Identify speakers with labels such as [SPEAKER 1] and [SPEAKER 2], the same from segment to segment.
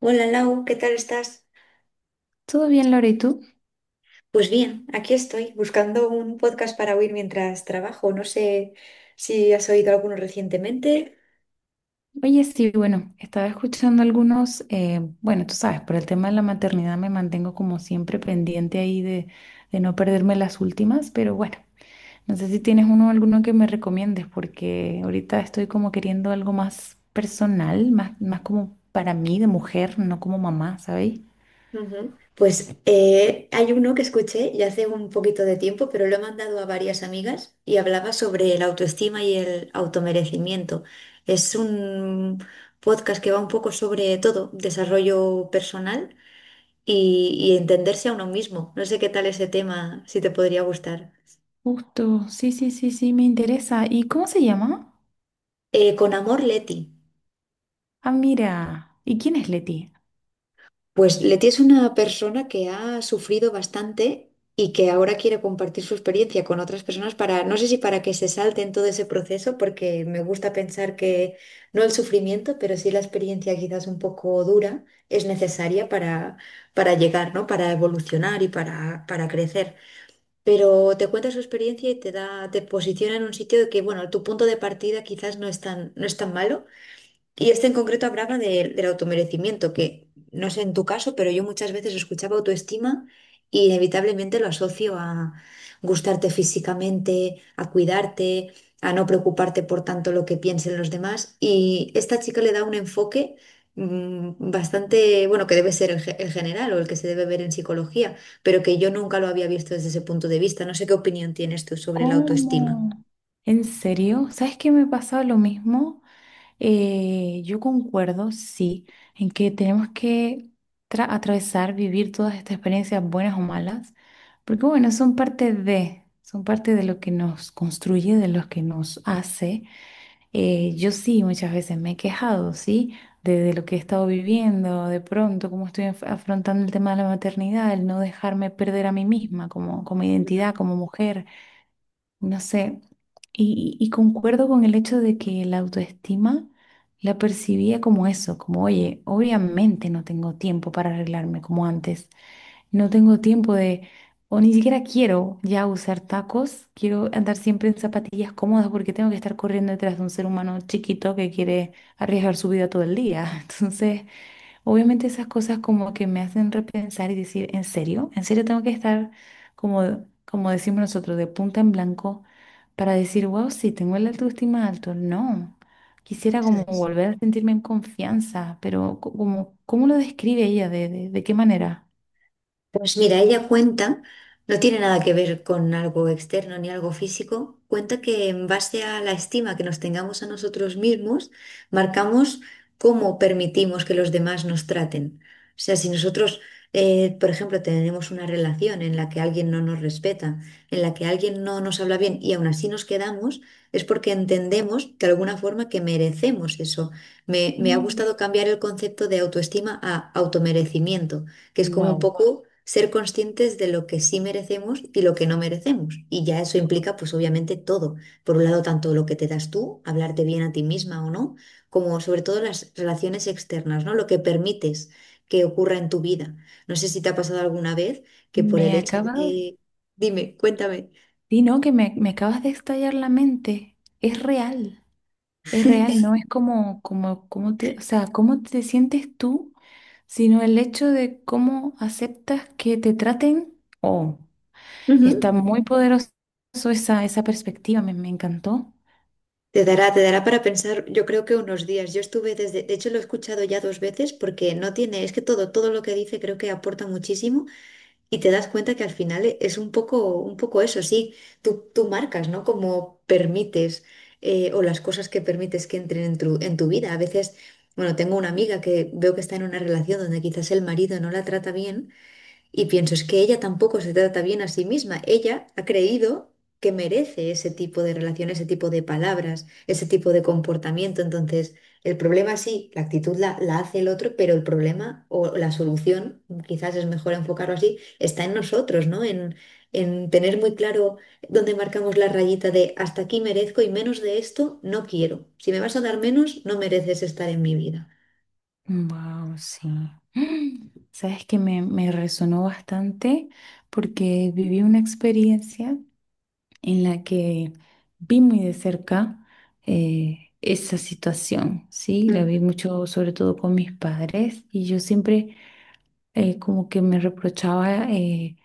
[SPEAKER 1] Hola Lau, ¿qué tal estás?
[SPEAKER 2] Todo bien, Laura, ¿y tú?
[SPEAKER 1] Pues bien, aquí estoy buscando un podcast para oír mientras trabajo. No sé si has oído alguno recientemente.
[SPEAKER 2] Oye, sí, bueno, estaba escuchando algunos, bueno, tú sabes, por el tema de la maternidad me mantengo como siempre pendiente ahí de no perderme las últimas, pero bueno, no sé si tienes uno alguno que me recomiendes, porque ahorita estoy como queriendo algo más personal, más como para mí de mujer, no como mamá, ¿sabéis?
[SPEAKER 1] Ujú. Pues hay uno que escuché ya hace un poquito de tiempo, pero lo he mandado a varias amigas y hablaba sobre la autoestima y el automerecimiento. Es un podcast que va un poco sobre todo, desarrollo personal y entenderse a uno mismo. No sé qué tal ese tema, si te podría gustar.
[SPEAKER 2] Justo, sí, sí, sí, sí, me interesa. ¿Y cómo se llama?
[SPEAKER 1] Con amor, Leti.
[SPEAKER 2] Ah, mira, ¿y quién es Leti?
[SPEAKER 1] Pues Leti es una persona que ha sufrido bastante y que ahora quiere compartir su experiencia con otras personas para, no sé si para que se salten todo ese proceso, porque me gusta pensar que no el sufrimiento, pero sí la experiencia quizás un poco dura es necesaria para llegar, ¿no? Para evolucionar y para crecer. Pero te cuenta su experiencia y te da, te posiciona en un sitio de que, bueno, tu punto de partida quizás no es tan, no es tan malo y este en concreto hablaba del automerecimiento, que no sé en tu caso, pero yo muchas veces escuchaba autoestima y inevitablemente lo asocio a gustarte físicamente, a cuidarte, a no preocuparte por tanto lo que piensen los demás. Y esta chica le da un enfoque bastante, bueno, que debe ser el general o el que se debe ver en psicología, pero que yo nunca lo había visto desde ese punto de vista. No sé qué opinión tienes tú sobre la autoestima.
[SPEAKER 2] ¿Cómo? ¿En serio? ¿Sabes qué me pasaba lo mismo? Yo concuerdo, sí, en que tenemos que atravesar, vivir todas estas experiencias buenas o malas, porque bueno, son parte de lo que nos construye, de lo que nos hace. Yo sí, muchas veces me he quejado, ¿sí? De lo que he estado viviendo, de pronto, cómo estoy afrontando el tema de la maternidad, el no dejarme perder a mí misma como, como identidad, como mujer. No sé, y concuerdo con el hecho de que la autoestima la percibía como eso, como, oye, obviamente no tengo tiempo para arreglarme como antes, no tengo tiempo de, o ni siquiera quiero ya usar tacos, quiero andar siempre en zapatillas cómodas porque tengo que estar corriendo detrás de un ser humano chiquito que quiere arriesgar su vida todo el día. Entonces, obviamente esas cosas como que me hacen repensar y decir, ¿en serio? ¿En serio tengo que estar como, como decimos nosotros, de punta en blanco para decir, wow, sí, tengo el autoestima alto? No, quisiera como volver a sentirme en confianza, pero como, ¿cómo lo describe ella? ¿De qué manera?
[SPEAKER 1] Pues mira, ella cuenta, no tiene nada que ver con algo externo ni algo físico, cuenta que en base a la estima que nos tengamos a nosotros mismos, marcamos cómo permitimos que los demás nos traten. O sea, si nosotros, por ejemplo, tenemos una relación en la que alguien no nos respeta, en la que alguien no nos habla bien y aún así nos quedamos, es porque entendemos de alguna forma que merecemos eso. Me ha gustado cambiar el concepto de autoestima a automerecimiento que es como un
[SPEAKER 2] Wow,
[SPEAKER 1] poco ser conscientes de lo que sí merecemos y lo que no merecemos. Y ya eso implica, pues obviamente, todo. Por un lado, tanto lo que te das tú, hablarte bien a ti misma o no, como sobre todo las relaciones externas, ¿no? Lo que permites que ocurra en tu vida. No sé si te ha pasado alguna vez que por el
[SPEAKER 2] me
[SPEAKER 1] hecho
[SPEAKER 2] acabas,
[SPEAKER 1] de... Dime, cuéntame.
[SPEAKER 2] sí, no, que me acabas de estallar la mente. Es real. Es real, no es como, como, como te, o sea, cómo te sientes tú, sino el hecho de cómo aceptas que te traten. Oh, está
[SPEAKER 1] Ujú.
[SPEAKER 2] muy poderoso esa perspectiva, me encantó.
[SPEAKER 1] Te dará para pensar, yo creo que unos días. Yo estuve desde, de hecho lo he escuchado ya dos veces porque no tiene, es que todo, todo lo que dice creo que aporta muchísimo. Y te das cuenta que al final es un poco eso, sí, tú marcas, ¿no? Como permites o las cosas que permites que entren en en tu vida. A veces, bueno, tengo una amiga que veo que está en una relación donde quizás el marido no la trata bien y pienso, es que ella tampoco se trata bien a sí misma. Ella ha creído que merece ese tipo de relación, ese tipo de palabras, ese tipo de comportamiento. Entonces, el problema sí, la actitud la hace el otro, pero el problema o la solución, quizás es mejor enfocarlo así, está en nosotros, ¿no? En tener muy claro dónde marcamos la rayita de hasta aquí merezco y menos de esto no quiero. Si me vas a dar menos, no mereces estar en mi vida.
[SPEAKER 2] Wow, sí. Mm, sabes que me resonó bastante porque viví una experiencia en la que vi muy de cerca, esa situación, ¿sí? La
[SPEAKER 1] Mm.
[SPEAKER 2] vi mucho, sobre todo con mis padres, y yo siempre, como que me reprochaba,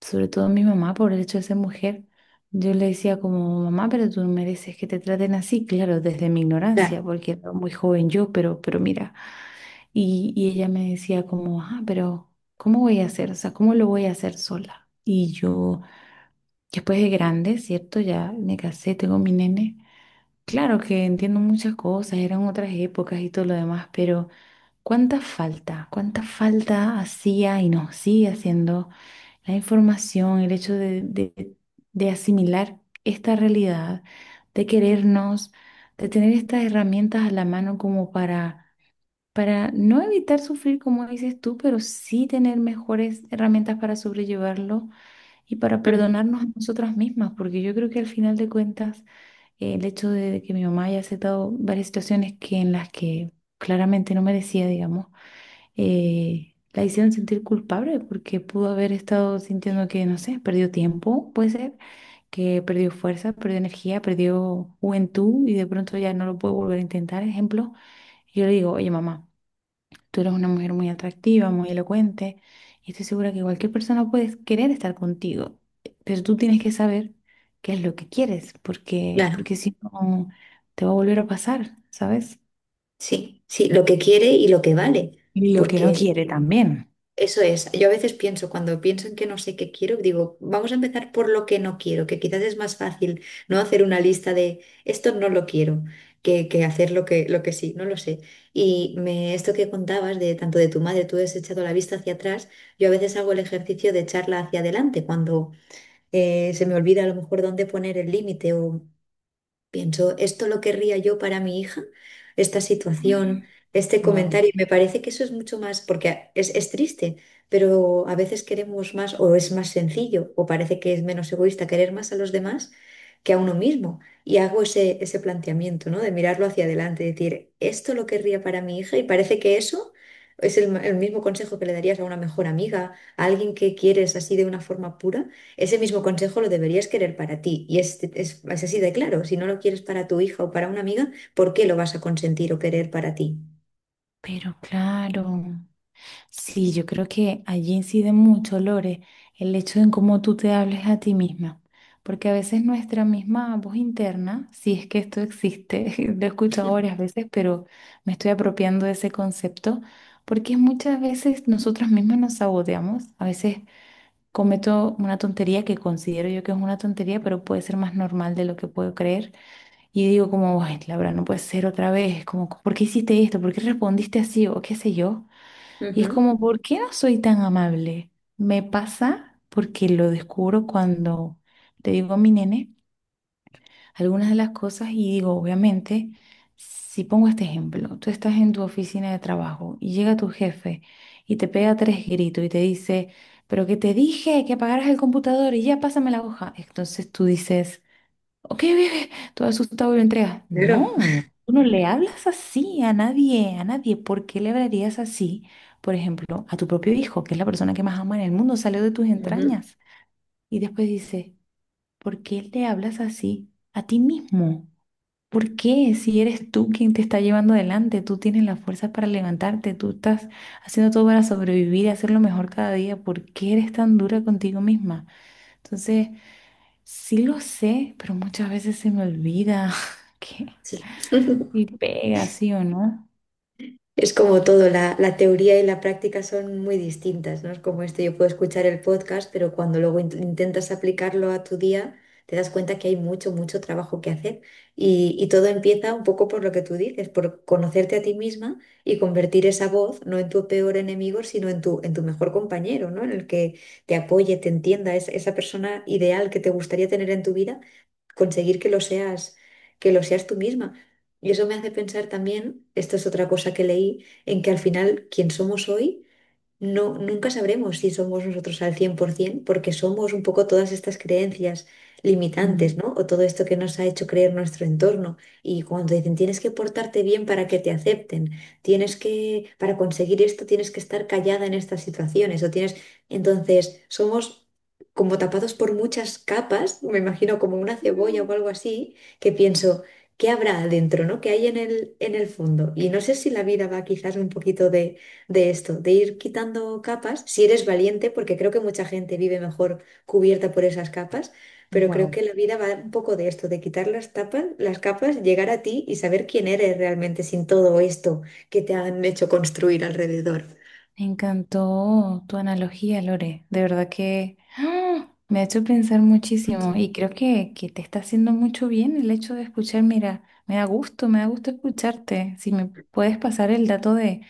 [SPEAKER 2] sobre todo mi mamá, por el hecho de ser mujer. Yo le decía como, mamá, pero tú no mereces que te traten así, claro, desde mi
[SPEAKER 1] Claro.
[SPEAKER 2] ignorancia, porque era muy joven yo, pero mira, y ella me decía como, ah, pero ¿cómo voy a hacer? O sea, ¿cómo lo voy a hacer sola? Y yo, después de grande, ¿cierto? Ya me casé, tengo mi nene. Claro que entiendo muchas cosas, eran otras épocas y todo lo demás, pero ¿cuánta falta? ¿Cuánta falta hacía y nos sigue haciendo? La información, el hecho de asimilar esta realidad, de querernos, de tener estas herramientas a la mano como para no evitar sufrir, como dices tú, pero sí tener mejores herramientas para sobrellevarlo y para
[SPEAKER 1] Ujú.
[SPEAKER 2] perdonarnos a nosotras mismas, porque yo creo que al final de cuentas, el hecho de que mi mamá haya aceptado varias situaciones que en las que claramente no merecía, digamos, la hicieron sentir culpable porque pudo haber estado
[SPEAKER 1] Sí.
[SPEAKER 2] sintiendo que, no sé, perdió tiempo, puede ser, que perdió fuerza, perdió energía, perdió juventud y de pronto ya no lo puede volver a intentar. Ejemplo, yo le digo, oye mamá, tú eres una mujer muy atractiva, muy elocuente y estoy segura que cualquier persona puede querer estar contigo, pero tú tienes que saber qué es lo que quieres porque,
[SPEAKER 1] Claro.
[SPEAKER 2] porque si no, te va a volver a pasar, ¿sabes?
[SPEAKER 1] Sí, sí, lo que quiere y lo que vale. Sí,
[SPEAKER 2] Y lo que no
[SPEAKER 1] porque
[SPEAKER 2] quiere también.
[SPEAKER 1] eso es. Yo a veces pienso, cuando pienso en que no sé qué quiero, digo, vamos a empezar por lo que no quiero, que quizás es más fácil no hacer una lista de esto no lo quiero, que hacer lo lo que sí, no lo sé. Y esto que contabas de tanto de tu madre, tú has echado la vista hacia atrás, yo a veces hago el ejercicio de echarla hacia adelante cuando se me olvida a lo mejor dónde poner el límite o pienso, ¿esto lo querría yo para mi hija? Esta situación, este
[SPEAKER 2] Wow.
[SPEAKER 1] comentario, me parece que eso es mucho más, porque es triste, pero a veces queremos más o es más sencillo o parece que es menos egoísta querer más a los demás que a uno mismo. Y hago ese planteamiento, ¿no? De mirarlo hacia adelante, decir, ¿esto lo querría para mi hija? Y parece que eso es el mismo consejo que le darías a una mejor amiga, a alguien que quieres así de una forma pura. Ese mismo consejo lo deberías querer para ti. Y es así de claro. Si no lo quieres para tu hija o para una amiga, ¿por qué lo vas a consentir o querer para ti?
[SPEAKER 2] Pero claro, sí, yo creo que allí incide mucho, Lore, el hecho de en cómo tú te hables a ti misma, porque a veces nuestra misma voz interna, si es que esto existe, lo he escuchado varias veces, pero me estoy apropiando de ese concepto, porque muchas veces nosotras mismas nos saboteamos, a veces cometo una tontería que considero yo que es una tontería, pero puede ser más normal de lo que puedo creer. Y digo como, ay, Laura, no puede ser otra vez, como, ¿por qué hiciste esto? ¿Por qué respondiste así? O qué sé yo. Y es
[SPEAKER 1] Ujú.
[SPEAKER 2] como, ¿por qué no soy tan amable? Me pasa porque lo descubro cuando le digo a mi nene algunas de las cosas y digo, obviamente, si pongo este ejemplo, tú estás en tu oficina de trabajo y llega tu jefe y te pega tres gritos y te dice, pero que te dije que apagaras el computador y ya pásame la hoja. Entonces tú dices... Ok, ok, ok, todo asustado y lo entrega.
[SPEAKER 1] Claro.
[SPEAKER 2] No, tú no le hablas así a nadie, a nadie. ¿Por qué le hablarías así, por ejemplo, a tu propio hijo, que es la persona que más ama en el mundo, salió de tus
[SPEAKER 1] Ujú.
[SPEAKER 2] entrañas? Y después dice, ¿por qué le hablas así a ti mismo? ¿Por qué? Si eres tú quien te está llevando adelante, tú tienes las fuerzas para levantarte, tú estás haciendo todo para sobrevivir y hacerlo mejor cada día, ¿por qué eres tan dura contigo misma? Entonces... Sí lo sé, pero muchas veces se me olvida que
[SPEAKER 1] Sí.
[SPEAKER 2] y pega, ¿sí o no?
[SPEAKER 1] Es como todo, la teoría y la práctica son muy distintas, ¿no? Es como esto, yo puedo escuchar el podcast, pero cuando luego intentas aplicarlo a tu día, te das cuenta que hay mucho, mucho trabajo que hacer. Y todo empieza un poco por lo que tú dices, por conocerte a ti misma y convertir esa voz no en tu peor enemigo, sino en en tu mejor compañero, ¿no? En el que te apoye, te entienda, es esa persona ideal que te gustaría tener en tu vida conseguir que lo seas tú misma. Y eso me hace pensar también, esto es otra cosa que leí, en que al final quien somos hoy no, nunca sabremos si somos nosotros al 100% porque somos un poco todas estas creencias limitantes,
[SPEAKER 2] Mm.
[SPEAKER 1] ¿no? O todo esto que nos ha hecho creer nuestro entorno. Y cuando dicen, tienes que portarte bien para que te acepten, tienes que, para conseguir esto, tienes que estar callada en estas situaciones, o tienes, entonces, somos como tapados por muchas capas, me imagino como una cebolla o algo así, que pienso, ¿qué habrá adentro, ¿no? ¿Qué hay en en el fondo? Y no sé si la vida va quizás un poquito de esto, de ir quitando capas, si eres valiente, porque creo que mucha gente vive mejor cubierta por esas capas, pero creo que
[SPEAKER 2] Wow.
[SPEAKER 1] la vida va un poco de esto, de quitar las tapas, las capas, llegar a ti y saber quién eres realmente sin todo esto que te han hecho construir alrededor.
[SPEAKER 2] Me encantó tu analogía, Lore. De verdad que ¡ah! Me ha hecho pensar muchísimo y creo que te está haciendo mucho bien el hecho de escuchar. Mira, me da gusto escucharte. Si me puedes pasar el dato de,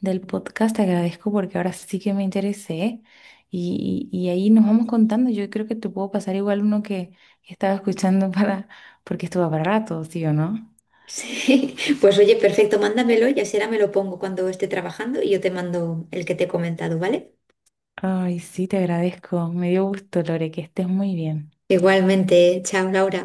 [SPEAKER 2] del podcast, te agradezco porque ahora sí que me interesé y ahí nos vamos contando. Yo creo que te puedo pasar igual uno que estaba escuchando para, porque estuvo para rato, ¿sí o no?
[SPEAKER 1] Sí, pues oye, perfecto, mándamelo y así ahora me lo pongo cuando esté trabajando y yo te mando el que te he comentado, ¿vale?
[SPEAKER 2] Ay, sí, te agradezco. Me dio gusto, Lore, que estés muy bien.
[SPEAKER 1] Igualmente, chao Laura.